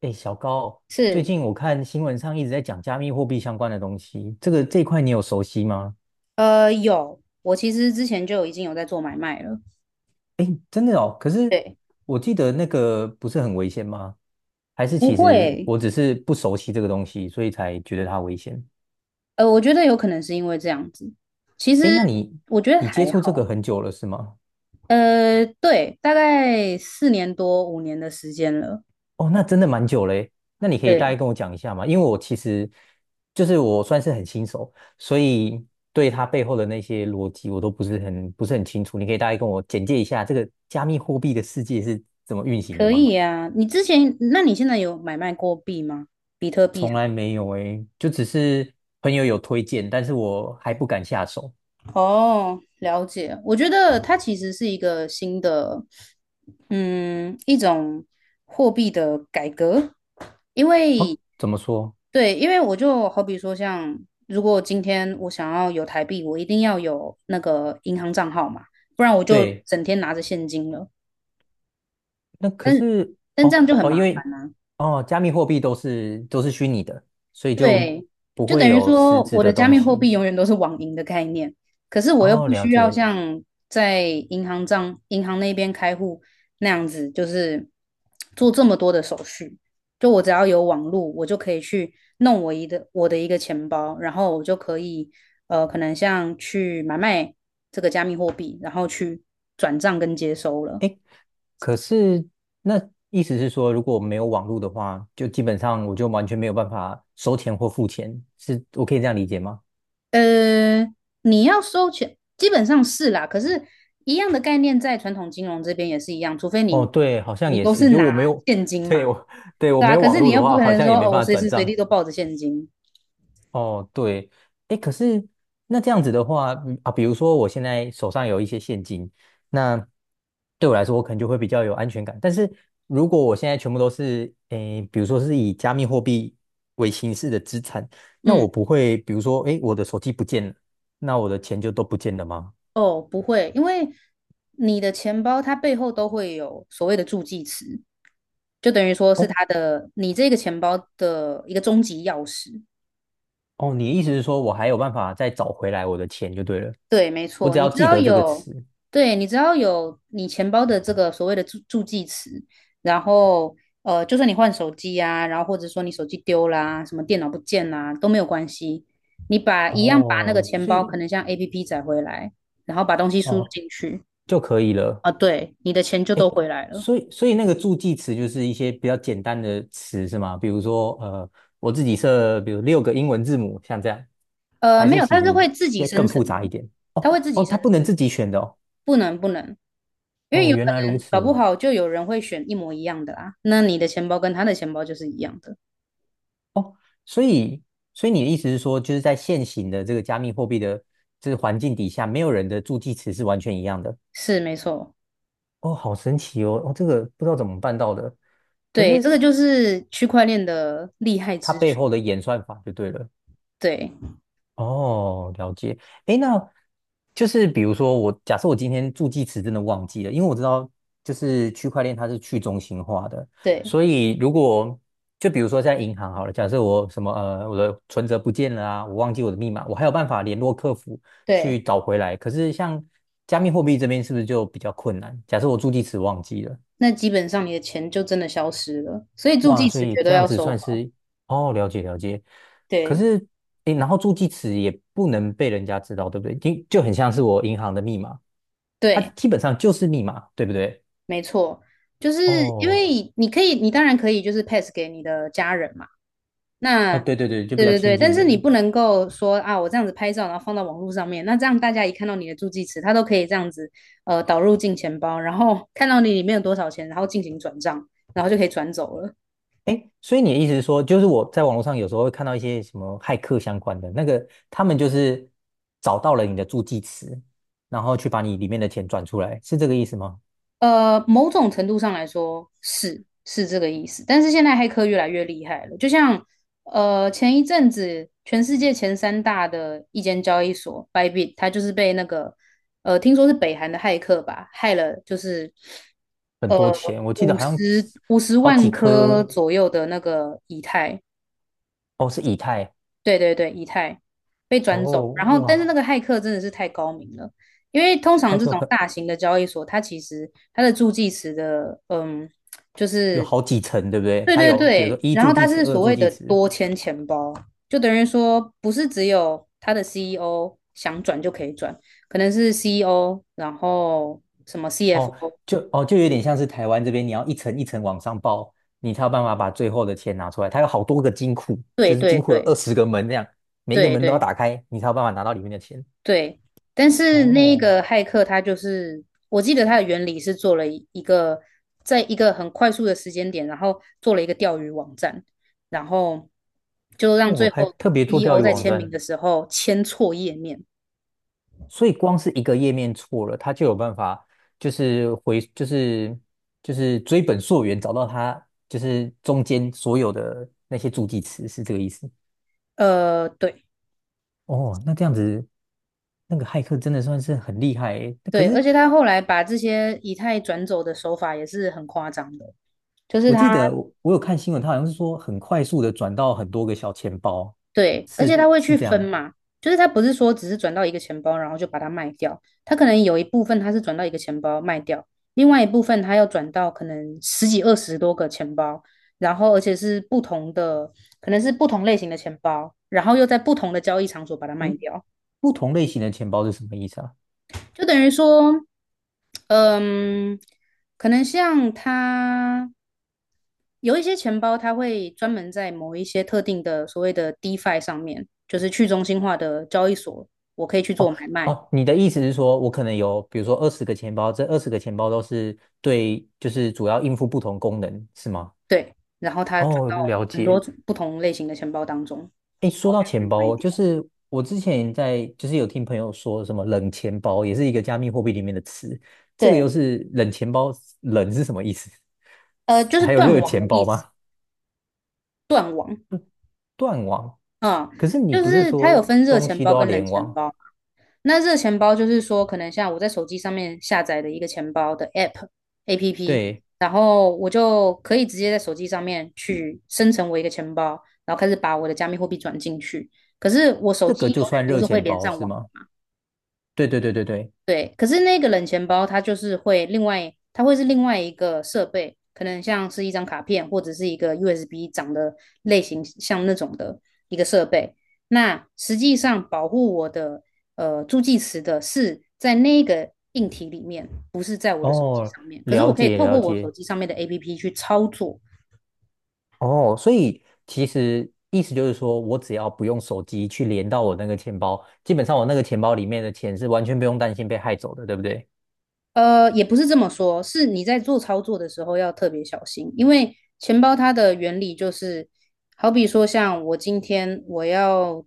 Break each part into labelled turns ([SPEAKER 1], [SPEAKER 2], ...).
[SPEAKER 1] 哎，小高，最
[SPEAKER 2] 是，
[SPEAKER 1] 近我看新闻上一直在讲加密货币相关的东西，这一块你有熟悉吗？
[SPEAKER 2] 有，我其实之前就已经有在做买卖了。
[SPEAKER 1] 哎，真的哦，可是
[SPEAKER 2] 对，
[SPEAKER 1] 我记得那个不是很危险吗？还是
[SPEAKER 2] 不
[SPEAKER 1] 其实
[SPEAKER 2] 会，
[SPEAKER 1] 我只是不熟悉这个东西，所以才觉得它危险？
[SPEAKER 2] 我觉得有可能是因为这样子。其实
[SPEAKER 1] 哎，那你
[SPEAKER 2] 我觉得
[SPEAKER 1] 接
[SPEAKER 2] 还
[SPEAKER 1] 触这个
[SPEAKER 2] 好。
[SPEAKER 1] 很久了是吗？
[SPEAKER 2] 对，大概4年多5年的时间了。
[SPEAKER 1] 哦，那真的蛮久嘞。那你可以大
[SPEAKER 2] 对，
[SPEAKER 1] 概跟我讲一下吗？因为我其实就是我算是很新手，所以对它背后的那些逻辑我都不是很清楚。你可以大概跟我简介一下这个加密货币的世界是怎么运行的
[SPEAKER 2] 可
[SPEAKER 1] 吗？
[SPEAKER 2] 以啊。你之前，那你现在有买卖过币吗？比特币？
[SPEAKER 1] 从来没有诶，就只是朋友有推荐，但是我还不敢下手。
[SPEAKER 2] 哦，了解。我觉得它其实是一个新的，一种货币的改革。因为
[SPEAKER 1] 哦，怎么说？
[SPEAKER 2] 对，因为我就好比说像，如果今天我想要有台币，我一定要有那个银行账号嘛，不然我就
[SPEAKER 1] 对，
[SPEAKER 2] 整天拿着现金了。
[SPEAKER 1] 那可
[SPEAKER 2] 但
[SPEAKER 1] 是
[SPEAKER 2] 但这
[SPEAKER 1] 哦
[SPEAKER 2] 样就很
[SPEAKER 1] 哦，
[SPEAKER 2] 麻。
[SPEAKER 1] 因为哦，加密货币都是虚拟的，所以就
[SPEAKER 2] 对，
[SPEAKER 1] 不
[SPEAKER 2] 就
[SPEAKER 1] 会
[SPEAKER 2] 等于
[SPEAKER 1] 有
[SPEAKER 2] 说
[SPEAKER 1] 实质
[SPEAKER 2] 我的
[SPEAKER 1] 的
[SPEAKER 2] 加
[SPEAKER 1] 东
[SPEAKER 2] 密货
[SPEAKER 1] 西。
[SPEAKER 2] 币永远都是网银的概念，可是我又
[SPEAKER 1] 哦，
[SPEAKER 2] 不
[SPEAKER 1] 了
[SPEAKER 2] 需要
[SPEAKER 1] 解。
[SPEAKER 2] 像在银行那边开户那样子，就是做这么多的手续。就我只要有网络，我就可以去弄我的一个钱包，然后我就可以可能像去买卖这个加密货币，然后去转账跟接收了。
[SPEAKER 1] 哎，可是那意思是说，如果没有网络的话，就基本上我就完全没有办法收钱或付钱，是我可以这样理解吗？
[SPEAKER 2] 呃，你要收钱，基本上是啦。可是，一样的概念在传统金融这边也是一样，除非
[SPEAKER 1] 哦，
[SPEAKER 2] 你
[SPEAKER 1] 对，好像也
[SPEAKER 2] 都
[SPEAKER 1] 是，
[SPEAKER 2] 是
[SPEAKER 1] 就我
[SPEAKER 2] 拿
[SPEAKER 1] 没有，
[SPEAKER 2] 现 金
[SPEAKER 1] 对，
[SPEAKER 2] 嘛，
[SPEAKER 1] 我，对，我
[SPEAKER 2] 对
[SPEAKER 1] 没
[SPEAKER 2] 啊。
[SPEAKER 1] 有
[SPEAKER 2] 可
[SPEAKER 1] 网
[SPEAKER 2] 是哦你
[SPEAKER 1] 络的
[SPEAKER 2] 又不
[SPEAKER 1] 话，
[SPEAKER 2] 可
[SPEAKER 1] 好
[SPEAKER 2] 能
[SPEAKER 1] 像
[SPEAKER 2] 说
[SPEAKER 1] 也没
[SPEAKER 2] 哦，我
[SPEAKER 1] 办法
[SPEAKER 2] 随
[SPEAKER 1] 转
[SPEAKER 2] 时随
[SPEAKER 1] 账。
[SPEAKER 2] 地都抱着现金。
[SPEAKER 1] 哦，对，哎，可是那这样子的话，嗯啊，比如说我现在手上有一些现金，那对我来说，我可能就会比较有安全感。但是如果我现在全部都是，诶，比如说是以加密货币为形式的资产，那
[SPEAKER 2] 嗯。
[SPEAKER 1] 我不会，比如说，诶，我的手机不见了，那我的钱就都不见了吗？
[SPEAKER 2] 哦，不会，因为你的钱包它背后都会有所谓的助记词，就等于说是
[SPEAKER 1] 哦
[SPEAKER 2] 它的你这个钱包的一个终极钥匙。
[SPEAKER 1] 哦，你的意思是说我还有办法再找回来我的钱就对了，
[SPEAKER 2] 对，没
[SPEAKER 1] 我
[SPEAKER 2] 错，
[SPEAKER 1] 只
[SPEAKER 2] 你
[SPEAKER 1] 要
[SPEAKER 2] 只
[SPEAKER 1] 记
[SPEAKER 2] 要
[SPEAKER 1] 得这个
[SPEAKER 2] 有，
[SPEAKER 1] 词，
[SPEAKER 2] 对，你只要有你钱包的这个所谓的助记词，然后就算你换手机啊，然后或者说你手机丢啦、什么电脑不见啦、都没有关系，一样把那个
[SPEAKER 1] 哦，
[SPEAKER 2] 钱
[SPEAKER 1] 所
[SPEAKER 2] 包可
[SPEAKER 1] 以
[SPEAKER 2] 能像 APP 载回来，然后把东西输入
[SPEAKER 1] 哦
[SPEAKER 2] 进去
[SPEAKER 1] 就可以了。
[SPEAKER 2] 啊，对，你的钱就
[SPEAKER 1] 哎，
[SPEAKER 2] 都回来了。
[SPEAKER 1] 所以那个助记词就是一些比较简单的词是吗？比如说，我自己设，比如六个英文字母，像这样，还
[SPEAKER 2] 没
[SPEAKER 1] 是
[SPEAKER 2] 有，
[SPEAKER 1] 其
[SPEAKER 2] 它是
[SPEAKER 1] 实
[SPEAKER 2] 会自己
[SPEAKER 1] 要
[SPEAKER 2] 生
[SPEAKER 1] 更
[SPEAKER 2] 成
[SPEAKER 1] 复杂一
[SPEAKER 2] 的，
[SPEAKER 1] 点？哦
[SPEAKER 2] 它会自己
[SPEAKER 1] 哦，它
[SPEAKER 2] 生
[SPEAKER 1] 不
[SPEAKER 2] 成，
[SPEAKER 1] 能自己选的哦。
[SPEAKER 2] 不能不能，因为
[SPEAKER 1] 哦，
[SPEAKER 2] 有可
[SPEAKER 1] 原来如
[SPEAKER 2] 能搞不
[SPEAKER 1] 此。
[SPEAKER 2] 好就有人会选一模一样的啦，那你的钱包跟他的钱包就是一样的。
[SPEAKER 1] 哦，所以所以你的意思是说，就是在现行的这个加密货币的这个环境底下，没有人的助记词是完全一样的。
[SPEAKER 2] 是没错，
[SPEAKER 1] 哦，好神奇哦！哦，这个不知道怎么办到的，可
[SPEAKER 2] 对，这
[SPEAKER 1] 是
[SPEAKER 2] 个就是区块链的厉害
[SPEAKER 1] 它
[SPEAKER 2] 之
[SPEAKER 1] 背
[SPEAKER 2] 处。
[SPEAKER 1] 后的演算法就对了。
[SPEAKER 2] 对，
[SPEAKER 1] 哦，了解。诶，那就是比如说我，假设我今天助记词真的忘记了，因为我知道就是区块链它是去中心化的，
[SPEAKER 2] 对，
[SPEAKER 1] 所以如果就比如说在银行好了，假设我什么我的存折不见了啊，我忘记我的密码，我还有办法联络客服去
[SPEAKER 2] 对，
[SPEAKER 1] 找回来。可是像加密货币这边是不是就比较困难？假设我助记词忘记了。
[SPEAKER 2] 那基本上你的钱就真的消失了，所以助
[SPEAKER 1] 哇，
[SPEAKER 2] 记
[SPEAKER 1] 所
[SPEAKER 2] 词
[SPEAKER 1] 以
[SPEAKER 2] 绝
[SPEAKER 1] 这
[SPEAKER 2] 对
[SPEAKER 1] 样
[SPEAKER 2] 要
[SPEAKER 1] 子
[SPEAKER 2] 收
[SPEAKER 1] 算
[SPEAKER 2] 好。
[SPEAKER 1] 是哦，了解了解。可
[SPEAKER 2] 对，
[SPEAKER 1] 是，诶，然后助记词也不能被人家知道，对不对？就很像是我银行的密码，它
[SPEAKER 2] 对，
[SPEAKER 1] 基本上就是密码，对不对？
[SPEAKER 2] 没错，就是因
[SPEAKER 1] 哦，
[SPEAKER 2] 为你可以，你当然可以就是 pass 给你的家人嘛。
[SPEAKER 1] 啊，
[SPEAKER 2] 那
[SPEAKER 1] 对对对，就比
[SPEAKER 2] 对
[SPEAKER 1] 较
[SPEAKER 2] 对
[SPEAKER 1] 亲
[SPEAKER 2] 对，但
[SPEAKER 1] 近
[SPEAKER 2] 是
[SPEAKER 1] 的
[SPEAKER 2] 你
[SPEAKER 1] 人。
[SPEAKER 2] 不能够说啊，我这样子拍照，然后放到网络上面，那这样大家一看到你的助记词，他都可以这样子导入进钱包，然后看到你里面有多少钱，然后进行转账，然后就可以转走了。
[SPEAKER 1] 诶，所以你的意思是说，就是我在网络上有时候会看到一些什么骇客相关的那个，他们就是找到了你的助记词，然后去把你里面的钱转出来，是这个意思吗？
[SPEAKER 2] 某种程度上来说是这个意思，但是现在黑客越来越厉害了，就像前一阵子全世界前三大的一间交易所 Bybit,它就是被那个听说是北韩的骇客吧，害了就是
[SPEAKER 1] 很
[SPEAKER 2] 呃
[SPEAKER 1] 多钱，我记得
[SPEAKER 2] 五
[SPEAKER 1] 好像几
[SPEAKER 2] 十五十
[SPEAKER 1] 好
[SPEAKER 2] 万
[SPEAKER 1] 几
[SPEAKER 2] 颗
[SPEAKER 1] 颗，
[SPEAKER 2] 左右的那个以太，
[SPEAKER 1] 哦，是以太。
[SPEAKER 2] 对对对，以太被转走，
[SPEAKER 1] 哦，
[SPEAKER 2] 然后但是
[SPEAKER 1] 哇，
[SPEAKER 2] 那个骇客真的是太高明了，因为通
[SPEAKER 1] 它
[SPEAKER 2] 常这
[SPEAKER 1] 就
[SPEAKER 2] 种
[SPEAKER 1] 很
[SPEAKER 2] 大型的交易所，它其实它的助记词的，就
[SPEAKER 1] 有
[SPEAKER 2] 是
[SPEAKER 1] 好几层，对不对？
[SPEAKER 2] 对
[SPEAKER 1] 它
[SPEAKER 2] 对
[SPEAKER 1] 有比如说
[SPEAKER 2] 对，
[SPEAKER 1] 一
[SPEAKER 2] 然后
[SPEAKER 1] 助
[SPEAKER 2] 它
[SPEAKER 1] 记词、
[SPEAKER 2] 是
[SPEAKER 1] 二
[SPEAKER 2] 所
[SPEAKER 1] 助
[SPEAKER 2] 谓
[SPEAKER 1] 记
[SPEAKER 2] 的
[SPEAKER 1] 词，
[SPEAKER 2] 多签钱包，就等于说不是只有它的 CEO 想转就可以转，可能是 CEO,然后什么
[SPEAKER 1] 哦，
[SPEAKER 2] CFO,
[SPEAKER 1] 就哦就有点像是台湾这边，你要一层一层往上报，你才有办法把最后的钱拿出来。它有好多个金库，
[SPEAKER 2] 对
[SPEAKER 1] 就是
[SPEAKER 2] 对
[SPEAKER 1] 金库有
[SPEAKER 2] 对
[SPEAKER 1] 二十个门这样，每一个
[SPEAKER 2] 对
[SPEAKER 1] 门都要
[SPEAKER 2] 对，
[SPEAKER 1] 打开，你才有办法拿到里面的钱。
[SPEAKER 2] 对，但是那
[SPEAKER 1] 哦，
[SPEAKER 2] 个骇客他就是，我记得他的原理是做了一个，在一个很快速的时间点，然后做了一个钓鱼网站，然后就让
[SPEAKER 1] 我
[SPEAKER 2] 最
[SPEAKER 1] 还
[SPEAKER 2] 后
[SPEAKER 1] 特别做钓
[SPEAKER 2] CEO
[SPEAKER 1] 鱼
[SPEAKER 2] 在
[SPEAKER 1] 网
[SPEAKER 2] 签名
[SPEAKER 1] 站，
[SPEAKER 2] 的时候签错页面。
[SPEAKER 1] 所以光是一个页面错了，它就有办法就是回就是就是追本溯源，找到它就是中间所有的那些助记词，是这个意思。
[SPEAKER 2] 对
[SPEAKER 1] 哦，那这样子，那个骇客真的算是很厉害诶。可
[SPEAKER 2] 对，而
[SPEAKER 1] 是
[SPEAKER 2] 且他后来把这些以太转走的手法也是很夸张的，就是
[SPEAKER 1] 我记
[SPEAKER 2] 他
[SPEAKER 1] 得我有看新闻，他好像是说很快速的转到很多个小钱包，
[SPEAKER 2] 对，而且
[SPEAKER 1] 是
[SPEAKER 2] 他会
[SPEAKER 1] 是
[SPEAKER 2] 去
[SPEAKER 1] 这
[SPEAKER 2] 分
[SPEAKER 1] 样。
[SPEAKER 2] 嘛，就是他不是说只是转到一个钱包，然后就把它卖掉，他可能有一部分他是转到一个钱包卖掉，另外一部分他要转到可能十几二十多个钱包，然后而且是不同的，可能是不同类型的钱包，然后又在不同的交易场所把它卖
[SPEAKER 1] 咦，
[SPEAKER 2] 掉，
[SPEAKER 1] 不同类型的钱包是什么意思啊？
[SPEAKER 2] 就等于说，嗯，可能像他。有一些钱包它会专门在某一些特定的所谓的 DeFi 上面，就是去中心化的交易所，我可以去做
[SPEAKER 1] 哦
[SPEAKER 2] 买卖，
[SPEAKER 1] 哦，你的意思是说我可能有，比如说二十个钱包，这二十个钱包都是对，就是主要应付不同功能，是吗？
[SPEAKER 2] 对，然后它转
[SPEAKER 1] 哦，
[SPEAKER 2] 到
[SPEAKER 1] 了
[SPEAKER 2] 很多
[SPEAKER 1] 解。
[SPEAKER 2] 不同类型的钱包当中
[SPEAKER 1] 哎，说到钱
[SPEAKER 2] 去卖
[SPEAKER 1] 包，就
[SPEAKER 2] 掉，
[SPEAKER 1] 是我之前就是有听朋友说什么冷钱包，也是一个加密货币里面的词。这个又
[SPEAKER 2] 对，
[SPEAKER 1] 是冷钱包，冷是什么意思？
[SPEAKER 2] 就 是
[SPEAKER 1] 还有
[SPEAKER 2] 断
[SPEAKER 1] 热
[SPEAKER 2] 网的
[SPEAKER 1] 钱
[SPEAKER 2] 意
[SPEAKER 1] 包
[SPEAKER 2] 思，
[SPEAKER 1] 吗？
[SPEAKER 2] 断网
[SPEAKER 1] 断网。
[SPEAKER 2] 啊，
[SPEAKER 1] 可是你
[SPEAKER 2] 就
[SPEAKER 1] 不是
[SPEAKER 2] 是它有
[SPEAKER 1] 说
[SPEAKER 2] 分热
[SPEAKER 1] 东
[SPEAKER 2] 钱
[SPEAKER 1] 西
[SPEAKER 2] 包
[SPEAKER 1] 都要
[SPEAKER 2] 跟冷
[SPEAKER 1] 联
[SPEAKER 2] 钱
[SPEAKER 1] 网？
[SPEAKER 2] 包，那这个钱包就是说，可能像我在手机上面下载的一个钱包的 APP，
[SPEAKER 1] 对，
[SPEAKER 2] 然后我就可以直接在手机上面去生成我一个钱包，然后开始把我的加密货币转进去。可是我手
[SPEAKER 1] 这
[SPEAKER 2] 机
[SPEAKER 1] 个
[SPEAKER 2] 永
[SPEAKER 1] 就算
[SPEAKER 2] 远都
[SPEAKER 1] 热
[SPEAKER 2] 是会
[SPEAKER 1] 钱
[SPEAKER 2] 连
[SPEAKER 1] 包
[SPEAKER 2] 上
[SPEAKER 1] 是
[SPEAKER 2] 网。
[SPEAKER 1] 吗？对对对对对。
[SPEAKER 2] 对，可是那个冷钱包它就是会另外，它会是另外一个设备，可能像是一张卡片或者是一个 USB 长的类型像那种的一个设备。那实际上保护我的助记词的是在那个硬体里面，不是在我的手机
[SPEAKER 1] 哦，
[SPEAKER 2] 上面。可是我
[SPEAKER 1] 了
[SPEAKER 2] 可以
[SPEAKER 1] 解
[SPEAKER 2] 透
[SPEAKER 1] 了
[SPEAKER 2] 过我手
[SPEAKER 1] 解。
[SPEAKER 2] 机上面的 APP 去操作。
[SPEAKER 1] 哦，所以其实意思就是说，我只要不用手机去连到我那个钱包，基本上我那个钱包里面的钱是完全不用担心被害走的，对不对？
[SPEAKER 2] 也不是这么说，是你在做操作的时候要特别小心，因为钱包它的原理就是，好比说像我今天我要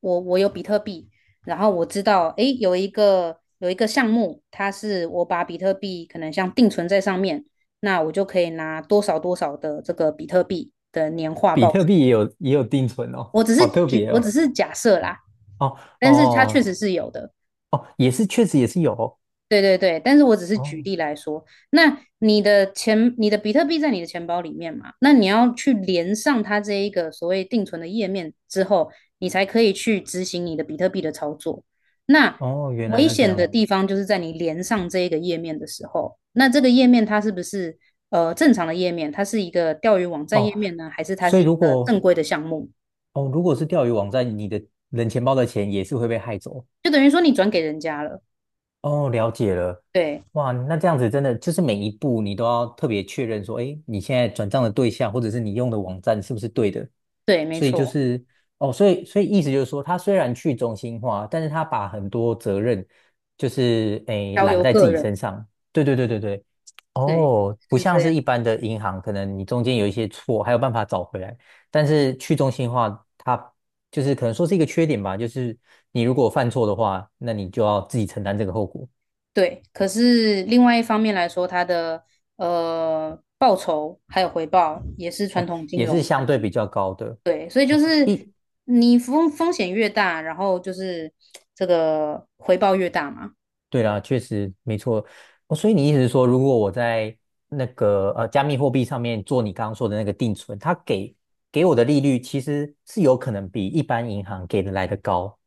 [SPEAKER 2] 我我有比特币，然后我知道诶有一个有一个项目，它是我把比特币可能像定存在上面，那我就可以拿多少多少的这个比特币的年化
[SPEAKER 1] 比
[SPEAKER 2] 报
[SPEAKER 1] 特币
[SPEAKER 2] 酬。
[SPEAKER 1] 也有定存哦，好特别
[SPEAKER 2] 我只
[SPEAKER 1] 哦。
[SPEAKER 2] 是假设啦，
[SPEAKER 1] 哦
[SPEAKER 2] 但是它确
[SPEAKER 1] 哦
[SPEAKER 2] 实是有的。
[SPEAKER 1] 哦，也是，确实也是有哦
[SPEAKER 2] 对对对，但是我只是举
[SPEAKER 1] 哦，
[SPEAKER 2] 例来说，那你的钱，你的比特币在你的钱包里面嘛，那你要去连上它这一个所谓定存的页面之后，你才可以去执行你的比特币的操作。那
[SPEAKER 1] 哦原
[SPEAKER 2] 危
[SPEAKER 1] 来
[SPEAKER 2] 难
[SPEAKER 1] 是这
[SPEAKER 2] 险的
[SPEAKER 1] 样
[SPEAKER 2] 地方就是在你连上这一个页面的时候，那这个页面它是不是正常的页面？它是一个钓鱼网站页
[SPEAKER 1] 哦。
[SPEAKER 2] 面呢，还是它
[SPEAKER 1] 所
[SPEAKER 2] 是
[SPEAKER 1] 以
[SPEAKER 2] 一
[SPEAKER 1] 如
[SPEAKER 2] 个
[SPEAKER 1] 果
[SPEAKER 2] 正规的项目？
[SPEAKER 1] 哦如果是钓鱼网站，你的冷钱包的钱也是会被害走
[SPEAKER 2] 就等于说你转给人家了。
[SPEAKER 1] 哦，了解了。
[SPEAKER 2] 对
[SPEAKER 1] 哇，那这样子真的就是每一步你都要特别确认说，哎，你现在转账的对象或者是你用的网站是不是对的？
[SPEAKER 2] 对，没
[SPEAKER 1] 所以就
[SPEAKER 2] 错，
[SPEAKER 1] 是哦，所以意思就是说，他虽然去中心化，但是他把很多责任就是诶
[SPEAKER 2] 交
[SPEAKER 1] 揽
[SPEAKER 2] 由
[SPEAKER 1] 在自
[SPEAKER 2] 个
[SPEAKER 1] 己
[SPEAKER 2] 人，
[SPEAKER 1] 身上。对对对对对，
[SPEAKER 2] 对，
[SPEAKER 1] 哦，不
[SPEAKER 2] 是
[SPEAKER 1] 像
[SPEAKER 2] 这
[SPEAKER 1] 是
[SPEAKER 2] 样。
[SPEAKER 1] 一般的银行，可能你中间有一些错，还有办法找回来。但是去中心化，它就是可能说是一个缺点吧，就是你如果犯错的话，那你就要自己承担这个后果。
[SPEAKER 2] 对，可是另外一方面来说，它的报酬还有回报也是传
[SPEAKER 1] 哦，
[SPEAKER 2] 统金
[SPEAKER 1] 也
[SPEAKER 2] 融
[SPEAKER 1] 是
[SPEAKER 2] 很
[SPEAKER 1] 相对比较高的。
[SPEAKER 2] 对，所以就
[SPEAKER 1] 哦，
[SPEAKER 2] 是
[SPEAKER 1] 一，
[SPEAKER 2] 你风险越大，然后就是这个回报越大嘛，
[SPEAKER 1] 对啦，确实没错。哦，所以你意思是说，如果我在那个加密货币上面做你刚刚说的那个定存，它给我的利率其实是有可能比一般银行给的来的高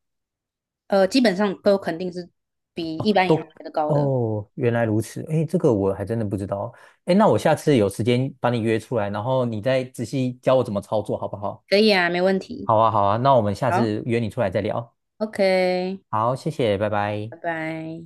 [SPEAKER 2] 基本上都肯定是比
[SPEAKER 1] 哦，
[SPEAKER 2] 一般银行
[SPEAKER 1] 都
[SPEAKER 2] 来的高的。
[SPEAKER 1] 哦，原来如此。哎，这个我还真的不知道。哎，那我下次有时间把你约出来，然后你再仔细教我怎么操作，好不好？
[SPEAKER 2] 可以啊，没问题。
[SPEAKER 1] 好啊，好啊，那我们下
[SPEAKER 2] 好
[SPEAKER 1] 次约你出来再聊。
[SPEAKER 2] ，OK,
[SPEAKER 1] 好，谢谢，拜拜。
[SPEAKER 2] 拜拜。